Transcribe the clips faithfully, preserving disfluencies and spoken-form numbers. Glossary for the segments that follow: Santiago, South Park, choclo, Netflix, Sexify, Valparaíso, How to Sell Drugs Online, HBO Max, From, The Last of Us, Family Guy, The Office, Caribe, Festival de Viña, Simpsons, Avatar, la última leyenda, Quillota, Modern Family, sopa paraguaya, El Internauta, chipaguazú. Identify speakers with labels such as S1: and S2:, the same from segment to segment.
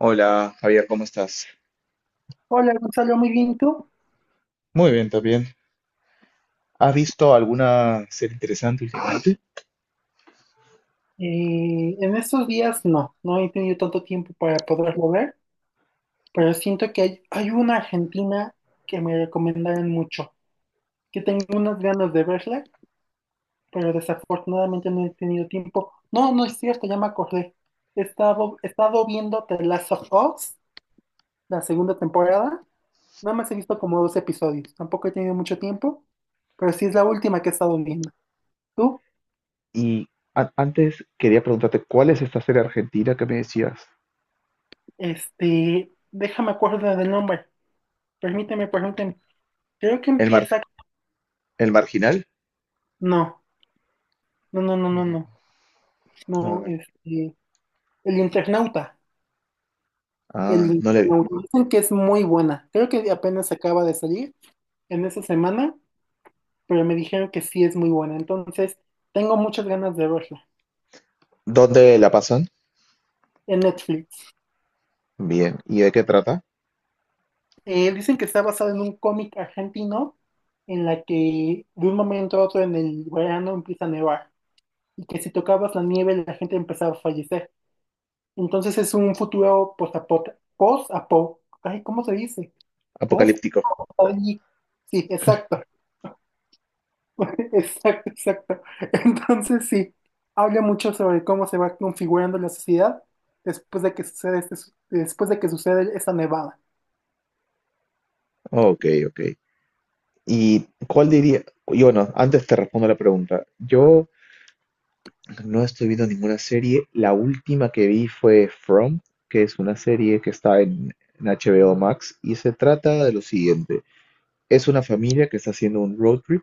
S1: Hola, Javier, ¿cómo estás?
S2: Hola Gonzalo, muy bien, ¿tú?
S1: Muy bien, también. ¿Has visto alguna serie interesante últimamente?
S2: Eh, en estos días no, no he tenido tanto tiempo para poderlo ver, pero siento que hay, hay una argentina que me recomendaron mucho, que tengo unas ganas de verla, pero desafortunadamente no he tenido tiempo. No, no es cierto, ya me acordé. He estado, he estado viendo The Last of Us, la segunda temporada, nada más he visto como dos episodios, tampoco he tenido mucho tiempo, pero sí es la última que he estado viendo. ¿Tú?
S1: Y a- antes quería preguntarte, ¿cuál es esta serie argentina que me decías?
S2: Este, déjame acuerdo del nombre. Permíteme, permíteme. Creo que
S1: ¿El mar,
S2: empieza.
S1: el marginal?
S2: No, no, no, no, no,
S1: Mm.
S2: no.
S1: A
S2: No,
S1: ver.
S2: este. El Internauta. El
S1: Ah, no le vi.
S2: Internauta. Dicen que es muy buena. Creo que apenas acaba de salir en esa semana, pero me dijeron que sí es muy buena. Entonces, tengo muchas ganas de verla
S1: ¿Dónde la pasan?
S2: en Netflix.
S1: Bien. ¿Y de qué trata?
S2: Eh, dicen que está basado en un cómic argentino en la que de un momento a otro en el verano empieza a nevar y que si tocabas la nieve la gente empezaba a fallecer. Entonces es un futuro post-apo, post-apo, ay, ¿cómo se dice? Post.
S1: Apocalíptico.
S2: Sí, exacto, exacto, exacto. Entonces sí, habla mucho sobre cómo se va configurando la sociedad después de que sucede este su- después de que sucede esa nevada.
S1: Ok, ok. ¿Y cuál diría? Y bueno, antes te respondo la pregunta. Yo no estoy viendo ninguna serie. La última que vi fue From, que es una serie que está en, en H B O Max y se trata de lo siguiente. Es una familia que está haciendo un road trip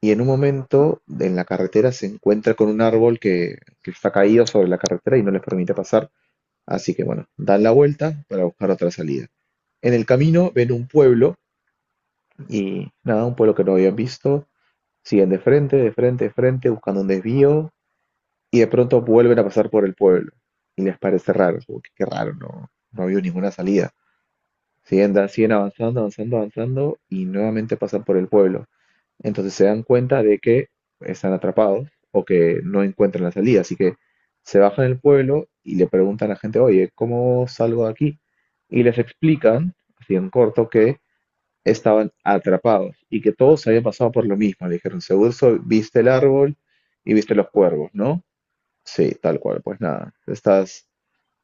S1: y en un momento en la carretera se encuentra con un árbol que, que está caído sobre la carretera y no les permite pasar. Así que bueno, dan la vuelta para buscar otra salida. En el camino ven un pueblo y nada, un pueblo que no habían visto. Siguen de frente, de frente, de frente, buscando un desvío y de pronto vuelven a pasar por el pueblo y les parece raro, como que qué raro, no, no ha ninguna salida. Siguen, da- siguen avanzando, avanzando, avanzando y nuevamente pasan por el pueblo. Entonces se dan cuenta de que están atrapados o que no encuentran la salida, así que se bajan del pueblo y le preguntan a la gente, oye, ¿cómo salgo de aquí? Y les explican, así en corto, que estaban atrapados y que todos habían pasado por lo mismo. Le dijeron, seguro so- viste el árbol y viste los cuervos, ¿no? Sí, tal cual. Pues nada, estás,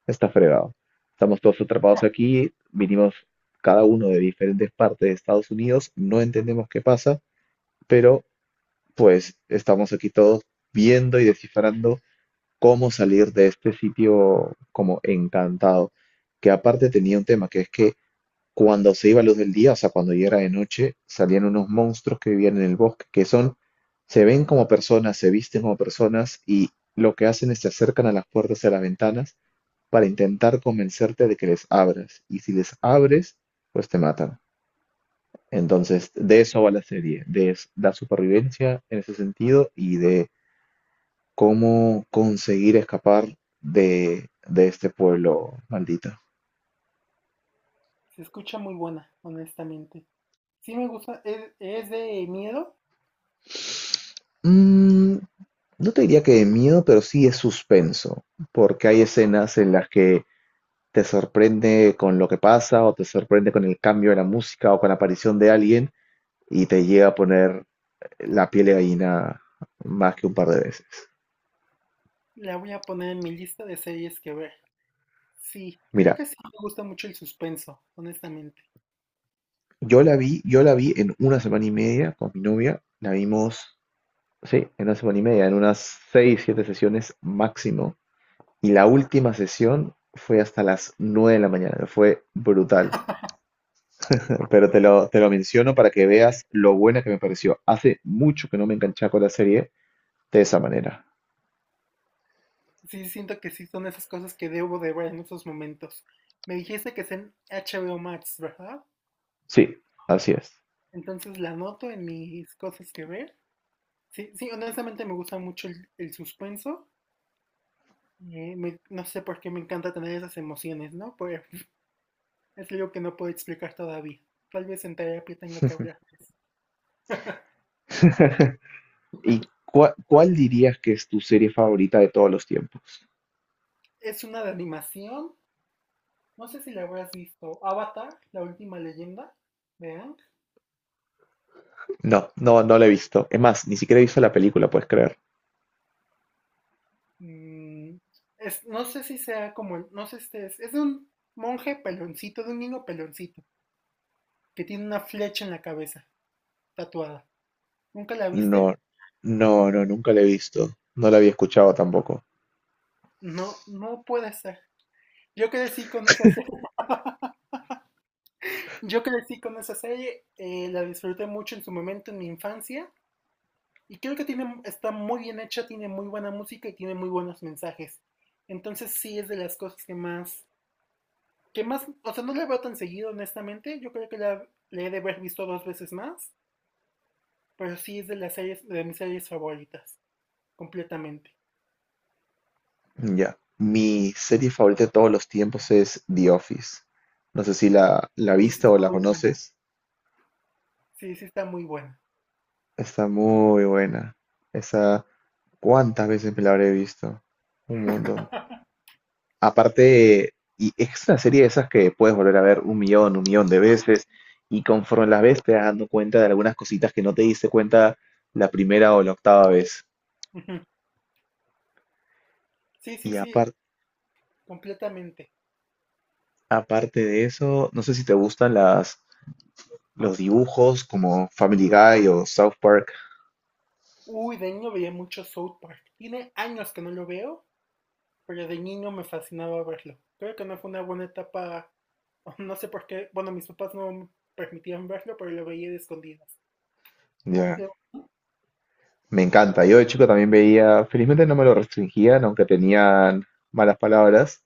S1: está fregado. Estamos todos atrapados aquí, vinimos cada uno de diferentes partes de Estados Unidos, no entendemos qué pasa, pero pues estamos aquí todos viendo y descifrando cómo salir de este sitio como encantado, que aparte tenía un tema, que es que cuando se iba la luz del día, o sea, cuando ya era de noche, salían unos monstruos que vivían en el bosque, que son, se ven como personas, se visten como personas y lo que hacen es se acercan a las puertas y a las ventanas para intentar convencerte de que les abras. Y si les abres, pues te matan. Entonces, de eso va la serie, de es- la supervivencia en ese sentido y de cómo conseguir escapar de, de este pueblo maldito.
S2: Se escucha muy buena, honestamente. Sí me gusta, es, es de miedo,
S1: Mm, no te diría que de miedo, pero sí es suspenso, porque hay escenas en las que te sorprende con lo que pasa o te sorprende con el cambio de la música o con la aparición de alguien y te llega a poner la piel de gallina más que un par de veces.
S2: la voy a poner en mi lista de series que ver. Sí, creo
S1: Mira,
S2: que sí me gusta mucho el suspenso, honestamente.
S1: yo la vi, yo la vi en una semana y media con mi novia, la vimos, sí, en una semana y media, en unas seis, siete sesiones máximo, y la última sesión fue hasta las nueve de la mañana, fue brutal. Pero te lo, te lo menciono para que veas lo buena que me pareció. Hace mucho que no me enganchaba con la serie de esa manera.
S2: Sí siento que sí son esas cosas que debo de ver en esos momentos. Me dijiste que es en H B O Max, ¿verdad?
S1: Sí, así es.
S2: Entonces la anoto en mis cosas que ver. Sí, sí, honestamente me gusta mucho el, el suspenso. Eh, me- no sé por qué me encanta tener esas emociones, ¿no? Pero es algo que no puedo explicar todavía. Tal vez en terapia tenga que hablar de eso.
S1: ¿Y cua- cuál dirías que es tu serie favorita de todos los tiempos?
S2: Es una de animación. No sé si la habrás visto. Avatar, la última leyenda. ¿Vean?
S1: No, no, no la he visto. Es más, ni siquiera he visto la película, puedes creer.
S2: mm, es- no sé si sea como, el- no sé si es, es de un monje peloncito, de un niño peloncito, que tiene una flecha en la cabeza, tatuada. ¿Nunca la
S1: No,
S2: viste?
S1: no, no, nunca la he visto. No la había escuchado tampoco.
S2: No, no puede ser. Yo crecí con esa serie. Yo crecí con esa serie, eh, la disfruté mucho en su momento, en mi infancia, y creo que tiene, está muy bien hecha, tiene muy buena música y tiene muy buenos mensajes. Entonces sí es de las cosas que más, que más, o sea, no la veo tan seguido, honestamente. Yo creo que la, la he de haber visto dos veces más. Pero sí es de las series, de mis series favoritas, completamente.
S1: Ya. Mi serie favorita de todos los tiempos es The Office. No sé si la, la
S2: Uy, sí
S1: viste o
S2: está
S1: la
S2: muy buena.
S1: conoces.
S2: Sí, sí está muy buena.
S1: Está muy buena. Esa, ¿cuántas veces me la habré visto? Un montón. Aparte, y es una serie de esas que puedes volver a ver un millón, un millón de veces, y conforme las ves te vas dando cuenta de algunas cositas que no te diste cuenta la primera o la octava vez.
S2: Ujú. Sí, sí,
S1: Y
S2: sí,
S1: apar-
S2: completamente.
S1: aparte de eso, no sé si te gustan las, los dibujos como Family Guy o South Park.
S2: Uy, de niño veía mucho South Park. Tiene años que no lo veo, pero de niño me fascinaba verlo. Creo que no fue una buena etapa, no sé por qué. Bueno, mis papás no me permitían verlo, pero lo veía de escondidas. ¿A ti
S1: Ya,
S2: te gusta?
S1: me encanta. Yo de chico también veía, felizmente no me lo restringían, aunque tenían malas palabras,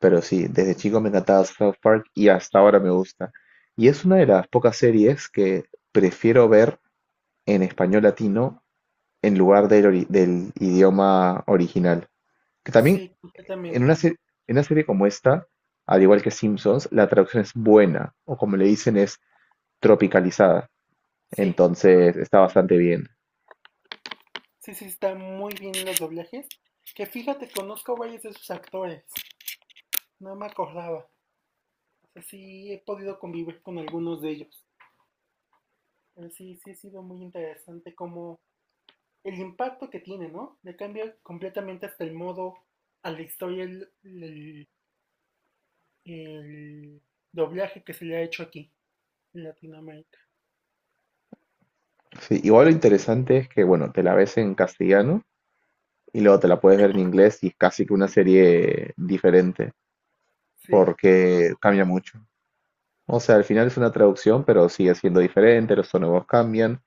S1: pero sí, desde chico me encantaba South Park y hasta ahora me gusta. Y es una de las pocas series que prefiero ver en español latino en lugar del, ori- del idioma original. Que también
S2: Sí,
S1: en una,
S2: completamente.
S1: se- en una serie como esta, al igual que Simpsons, la traducción es buena, o como le dicen, es tropicalizada.
S2: Sí,
S1: Entonces está bastante bien.
S2: sí, sí, está muy bien los doblajes. Que fíjate, conozco a varios de sus actores. No me acordaba. O sea, sí he podido convivir con algunos de ellos. Pero sí, sí ha sido muy interesante como el impacto que tiene, ¿no? Le cambia completamente hasta el modo a la historia el, el- el doblaje que se le ha hecho aquí en Latinoamérica.
S1: Sí, igual lo interesante es que, bueno, te la ves en castellano y luego te la puedes ver en inglés y es casi que una serie diferente,
S2: Sí,
S1: porque cambia mucho. O sea, al final es una traducción, pero sigue siendo diferente, los sonidos cambian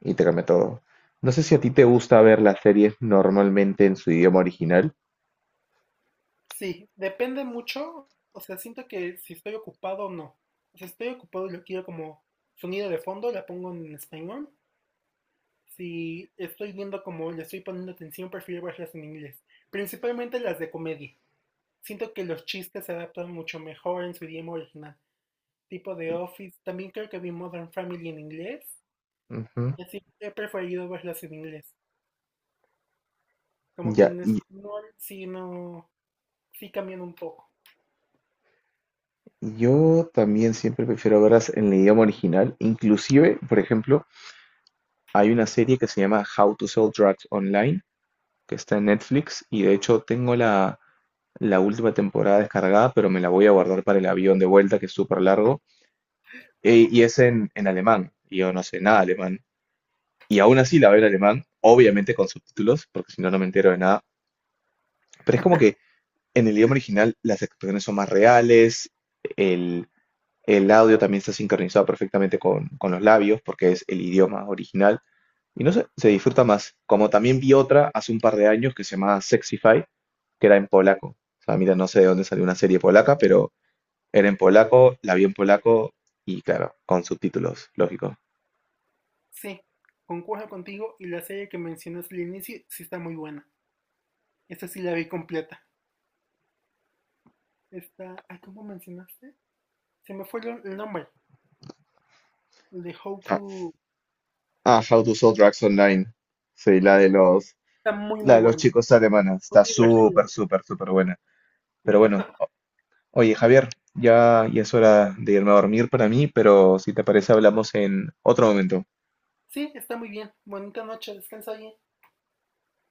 S1: y te cambia todo. No sé si a ti te gusta ver las series normalmente en su idioma original.
S2: sí, depende mucho. O sea, siento que si estoy ocupado o no. O sea, si estoy ocupado y lo quiero como sonido de fondo, la pongo en español. Si estoy viendo como le estoy poniendo atención, prefiero verlas en inglés. Principalmente las de comedia. Siento que los chistes se adaptan mucho mejor en su idioma original. Tipo de Office. También creo que vi Modern Family en inglés.
S1: Ujú.
S2: Y así he preferido verlas en inglés. Como que
S1: Ya,
S2: en
S1: y
S2: español sí no. Sí cambian un poco.
S1: yo también siempre prefiero verlas en el idioma original. Inclusive, por ejemplo, hay una serie que se llama How to Sell Drugs Online, que está en Netflix, y de hecho tengo la, la última temporada descargada, pero me la voy a guardar para el avión de vuelta, que es súper largo. Eh, y es en, en alemán. Y yo no sé nada de alemán. Y aún así la veo en alemán, obviamente con subtítulos, porque si no, no me entero de nada. Pero es como que en el idioma original las expresiones son más reales, el, el audio también está sincronizado perfectamente con, con los labios, porque es el idioma original. Y no sé, se disfruta más. Como también vi otra hace un par de años que se llamaba Sexify, que era en polaco. O sea, mira, no sé de dónde salió una serie polaca, pero era en polaco, la vi en polaco y claro, con subtítulos, lógico.
S2: Sí, concuerdo contigo. Y la serie que mencionaste al inicio sí está muy buena. Esta sí la vi completa. Esta. Ay, ¿cómo mencionaste? Se me fue el el nombre. El de How to.
S1: Ah, How to Sell Drugs Online. Sí, la de los,
S2: Está muy,
S1: la
S2: muy
S1: de los
S2: buena.
S1: chicos alemanes.
S2: Muy
S1: Está súper,
S2: divertida.
S1: súper, súper buena. Pero bueno, oye, Javier, ya, ya es hora de irme a dormir para mí, pero si te parece hablamos en otro momento.
S2: Sí, está muy bien. Bonita noche, descansa bien.